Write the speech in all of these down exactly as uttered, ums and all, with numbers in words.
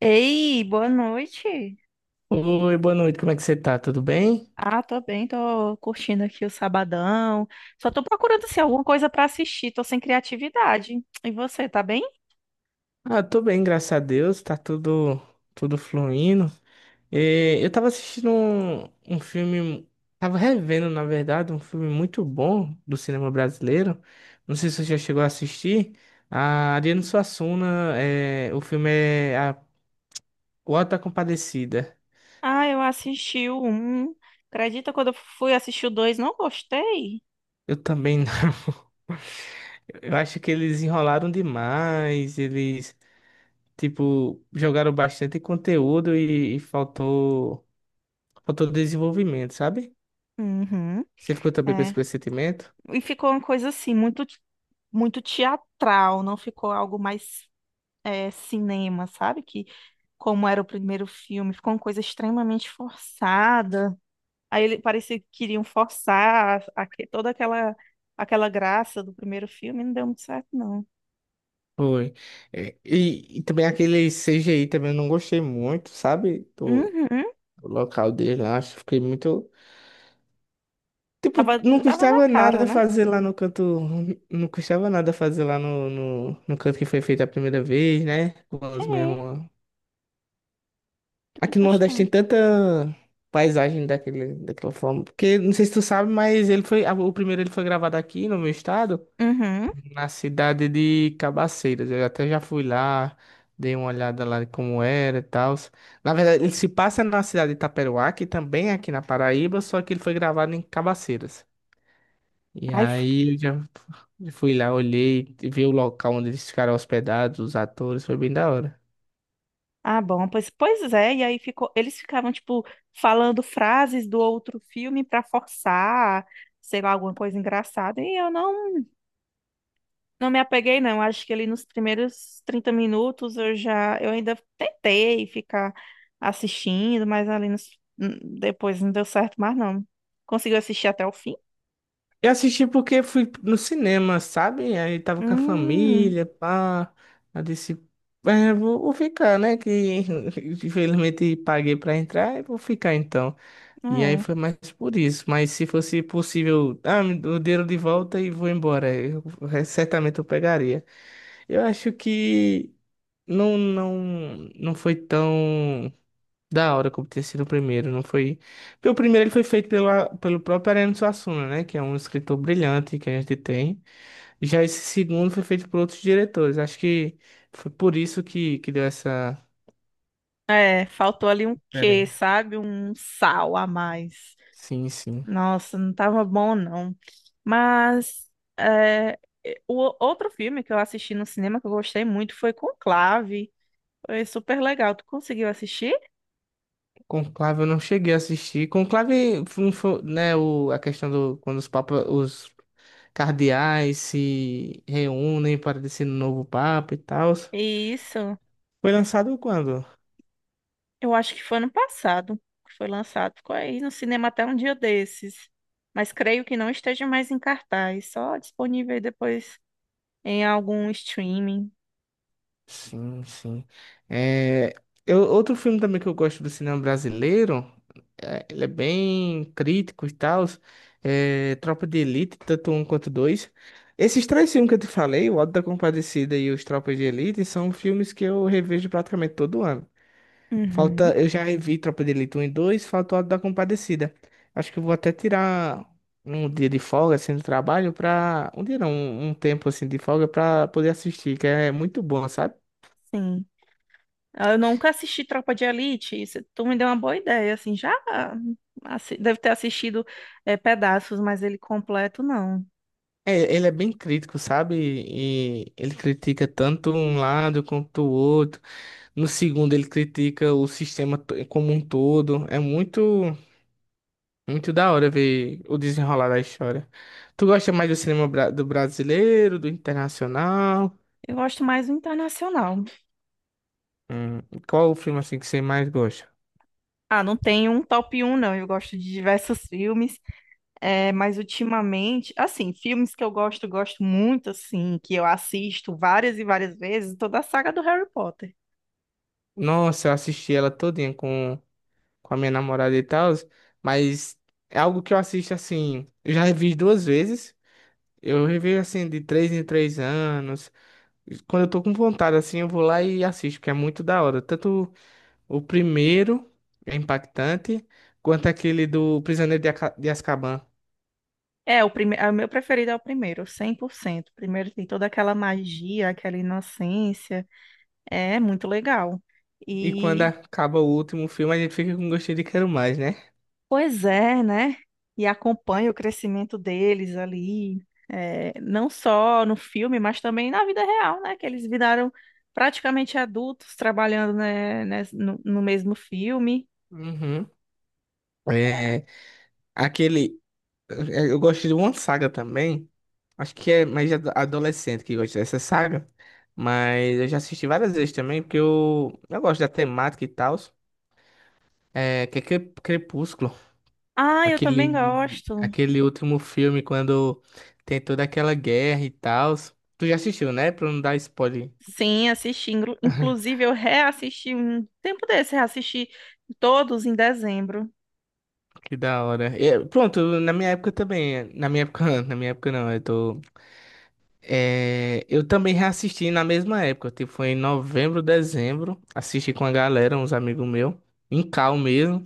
Ei, boa noite. Oi, boa noite, como é que você tá? Tudo bem? Ah, tô bem, tô curtindo aqui o sabadão. Só tô procurando assim, alguma coisa pra assistir, tô sem criatividade. E você, tá bem? Ah, tô bem, graças a Deus, tá tudo, tudo fluindo. Eh, eu tava assistindo um, um filme, tava revendo, na verdade, um filme muito bom do cinema brasileiro. Não sei se você já chegou a assistir. A Ariano Suassuna, eh, o filme é a, O Auto da Compadecida. Ah, eu assisti o um. Acredita quando eu fui assistir o dois, não gostei? Eu também não. Eu acho que eles enrolaram demais, eles, tipo, jogaram bastante conteúdo e e faltou. Faltou desenvolvimento, sabe? Uhum, Você ficou também com esse é. pressentimento? E ficou uma coisa assim, muito, muito teatral, não ficou algo mais é, cinema, sabe? Que como era o primeiro filme, ficou uma coisa extremamente forçada. Aí ele parecia que queriam forçar a- aque- toda aquela aquela graça do primeiro filme, não deu muito certo, não. Foi. É, E, e também aquele C G I também eu não gostei muito, sabe? Do, Uhum. do local dele lá, acho que fiquei muito. Tipo, Tava, não tava na custava cara, nada né? fazer lá no canto. Não custava nada fazer lá no, no, no canto que foi feito a primeira vez, né? Com os Sim, mesmos. não Aqui no Nordeste tem gostou. tanta paisagem daquele, daquela forma. Porque, não sei se tu sabe, mas ele foi. a- O primeiro ele foi gravado aqui no meu estado, Uhum. na cidade de Cabaceiras. Eu até já fui lá, dei uma olhada lá de como era e tal. Na verdade, ele se passa na cidade de Itaperuá, que também é aqui na Paraíba, só que ele foi gravado em Cabaceiras. E Aí, f- aí eu já fui lá, olhei, vi o local onde eles ficaram hospedados, os atores, foi bem da hora. ah, bom, pois, pois é, e aí ficou, eles ficavam, tipo, falando frases do outro filme pra forçar, sei lá, alguma coisa engraçada, e eu não Não me apeguei, não. Acho que ali nos primeiros trinta minutos eu já, eu ainda tentei ficar assistindo, mas ali nos- n- depois não deu certo mais não. Conseguiu assistir até o fim? Eu assisti porque fui no cinema, sabe? Aí tava com a Hum, família, pá. Aí disse, é, vou, vou ficar, né? Que infelizmente paguei pra entrar, eu vou ficar então. E aí é. foi mais por isso. Mas se fosse possível, ah, me dê o dinheiro de volta e vou embora. Eu, eh, certamente eu pegaria. Eu acho que não, não, não foi tão da hora como ter sido o primeiro. Não foi. Porque o primeiro ele foi feito pela, pelo próprio Ariano Suassuna, né? Que é um escritor brilhante que a gente tem. Já esse segundo foi feito por outros diretores. Acho que foi por isso que, que deu essa É, faltou ali um quê, diferença. sabe? Um sal a mais. Sim, sim. Nossa, não tava bom não. Mas é, o outro filme que eu assisti no cinema que eu gostei muito foi Conclave. Foi super legal. Tu conseguiu assistir? Conclave eu não cheguei a assistir. Conclave foi, foi, né, o, a questão do quando os papas, os cardeais se reúnem para decidir um novo papa e tal. Isso. Foi lançado quando? Eu acho que foi ano passado que foi lançado. Ficou aí no cinema até um dia desses. Mas creio que não esteja mais em cartaz, só disponível aí depois em algum streaming. Sim, sim. É, eu, outro filme também que eu gosto do cinema brasileiro, é, ele é bem crítico e tal, é Tropa de Elite, tanto um quanto dois. Esses três filmes que eu te falei, O Auto da Compadecida e Os Tropas de Elite, são filmes que eu revejo praticamente todo ano. Uhum, Falta, eu já revi Tropa de Elite um e dois falta o Auto da Compadecida. Acho que eu vou até tirar um dia de folga, assim, do trabalho pra... Um dia não, um um tempo, assim, de folga pra poder assistir, que é muito bom, sabe? sim. Ah, eu nunca assisti Tropa de Elite, isso, tu me deu uma boa ideia, assim, já assi- deve ter assistido eh, pedaços, mas ele completo não. É, ele é bem crítico, sabe? E ele critica tanto um lado quanto o outro. No segundo, ele critica o sistema to- como um todo. É muito, muito da hora ver o desenrolar da história. Tu gosta mais do cinema bra- do brasileiro, do internacional? Eu gosto mais do internacional. Hum, qual o filme assim que você mais gosta? Ah, não tenho um top um não, eu gosto de diversos filmes. É, mas ultimamente, assim, filmes que eu gosto, gosto muito, assim, que eu assisto várias e várias vezes, toda a saga do Harry Potter. Nossa, eu assisti ela todinha com, com a minha namorada e tal, mas é algo que eu assisto assim, eu já revi duas vezes. Eu revejo assim de três em três anos. Quando eu tô com vontade assim, eu vou lá e assisto, porque é muito da hora. Tanto o primeiro é impactante, quanto aquele do Prisioneiro de, Aca- de Azkaban. É, o prime... é, o meu preferido é o primeiro, cem por cento. O primeiro tem toda aquela magia, aquela inocência. É muito legal. E quando E, acaba o último filme, a gente fica com gostinho de quero mais, né? pois é, né? E acompanha o crescimento deles ali, é, não só no filme, mas também na vida real, né? Que eles viraram praticamente adultos trabalhando, né, né, no no mesmo filme. Uhum. É, aquele É, Eu gosto de uma saga também. Acho que é mais ado- adolescente que gosta dessa saga. Mas eu já assisti várias vezes também, porque eu, eu gosto da temática e tal. É, que é Cre- Crepúsculo. Ah, eu também Aquele, gosto. aquele último filme quando tem toda aquela guerra e tal. Tu já assistiu, né? Pra não dar spoiler. Sim, assisti. Inglu- Inclusive, eu reassisti um tempo desse, reassisti todos em dezembro. Que da hora. E, pronto, na minha época também. Na minha época, na minha época não. Eu tô. É, eu também reassisti na mesma época, tipo, foi em novembro, dezembro, assisti com a galera, uns amigos meus, em cal mesmo,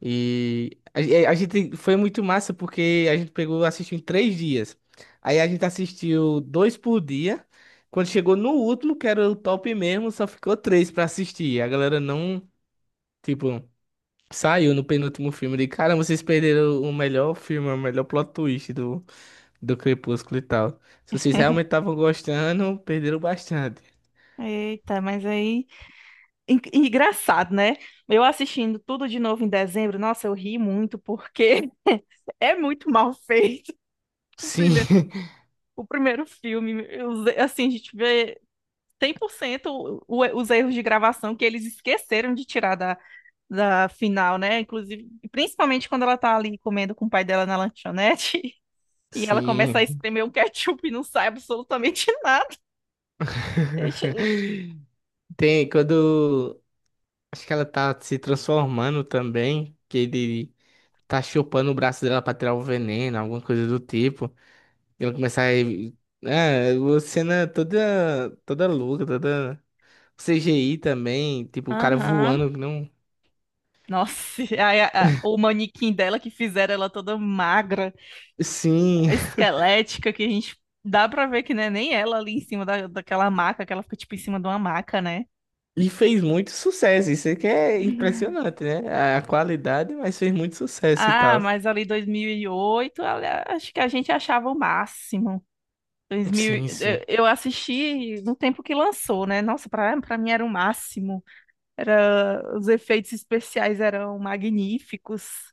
e a, ge- a gente foi muito massa porque a gente pegou, assistiu em três dias, aí a gente assistiu dois por dia, quando chegou no último, que era o top mesmo, só ficou três pra assistir, a galera não, tipo, saiu no penúltimo filme, de caramba, vocês perderam o melhor filme, o melhor plot twist do Crepúsculo e tal. Se vocês realmente estavam gostando, perderam bastante. Eita, mas aí. en- Engraçado, né? Eu assistindo tudo de novo em dezembro, nossa, eu ri muito, porque é muito mal feito. O Sim, primeiro, o primeiro filme, os- assim, a gente vê cem por cento o- o- os erros de gravação que eles esqueceram de tirar da, da final, né? Inclusive, principalmente quando ela tá ali comendo com o pai dela na lanchonete. E ela começa a sim. espremer um ketchup e não sai absolutamente nada. Deixa... eu- Tem quando. Acho que ela tá se transformando também, que ele tá chupando o braço dela pra tirar o veneno, alguma coisa do tipo. E ela começa a. É, uma cena toda, toda louca, toda. C G I também, tipo, o cara Aham. voando, que não. Nossa, e aí a- a- o manequim dela que fizeram ela toda magra, Sim, esquelética, que a gente dá pra ver que não é nem ela ali em cima da, daquela maca, que ela fica tipo em cima de uma maca, né? e fez muito sucesso, isso é que é impressionante, né? A qualidade, mas fez muito sucesso e Ah, tal. mas ali dois mil e oito, olha, acho que a gente achava o máximo. dois mil, Sim, sim. eu eu assisti no tempo que lançou, né? Nossa, pra, pra mim era o máximo. Era, os efeitos especiais eram magníficos,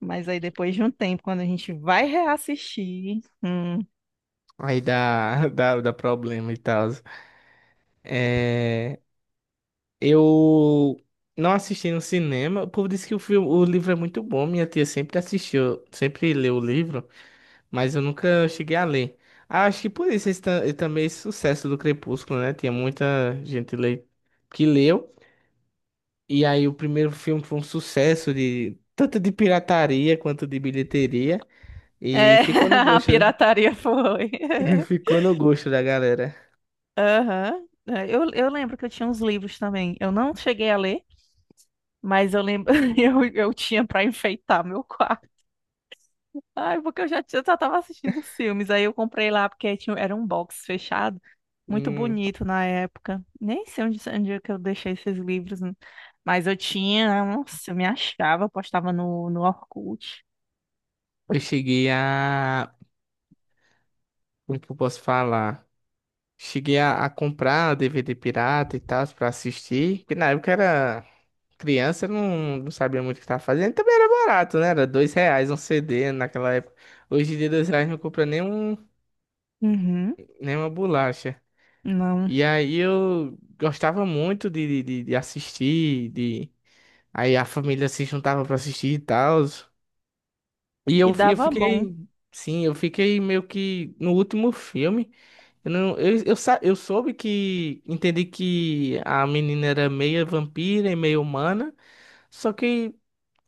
mas aí depois de um tempo, quando a gente vai reassistir, hum, Aí dá, dá, dá problema e tal. É, eu não assisti no cinema. O povo disse que o filme, o livro é muito bom. Minha tia sempre assistiu, sempre leu o livro, mas eu nunca cheguei a ler. Ah, acho que por isso esse, ta- também esse sucesso do Crepúsculo, né? Tinha muita gente le- que leu. E aí o primeiro filme foi um sucesso de tanto de pirataria quanto de bilheteria e é, ficou no a gosto, pirataria foi. ficou no gosto da galera. Aham. É, Eu, eu lembro que eu tinha uns livros também. Eu não cheguei a ler, mas eu lembro, eu, eu tinha para enfeitar meu quarto. Ai, porque eu já, tinha- eu já tava assistindo os filmes. Aí eu comprei lá porque tinha, era um box fechado, muito Hum, bonito na época. Nem sei onde, onde é que eu deixei esses livros, né? Mas eu tinha, nossa, eu me achava, eu postava no, no Orkut. eu cheguei a, como que eu posso falar? Cheguei a, a comprar D V D pirata e tal pra assistir, que na época era criança, não, não sabia muito o que tava fazendo, também era barato, né? Era dois reais um C D naquela época. Hoje em dia dois reais não compra nem um, Uhum, nem uma bolacha. não. E aí eu gostava muito de, de, de assistir, de... Aí a família se juntava pra assistir e tal. E E eu, eu dava fiquei... bom. Sim, eu fiquei meio que no último filme. Eu, não, eu, eu, sa- eu soube que... Entendi que a menina era meia vampira e meio humana. Só que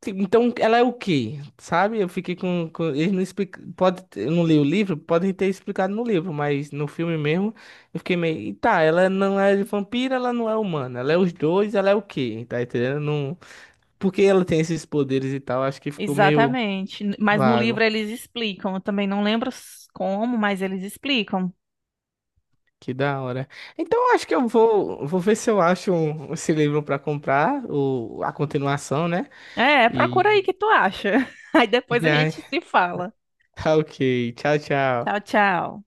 então, ela é o quê? Sabe? Eu fiquei com, com- eles não explicam, pode, eu não li o livro, podem ter explicado no livro, mas no filme mesmo, eu fiquei meio, "E tá, ela não é vampira, ela não é humana, ela é os dois, ela é o quê? Tá entendendo? Não, porque ela tem esses poderes e tal, acho que ficou meio Exatamente. N- Mas no vago. livro eles explicam. Eu também não lembro s- como, mas eles explicam. Que da hora. Então, eu acho que eu vou, vou ver se eu acho um- esse livro pra comprar, o, a continuação, né? É, E procura aí que tu acha. Aí depois a já, gente se fala. tá ok. Tchau, Tchau, tchau. tchau.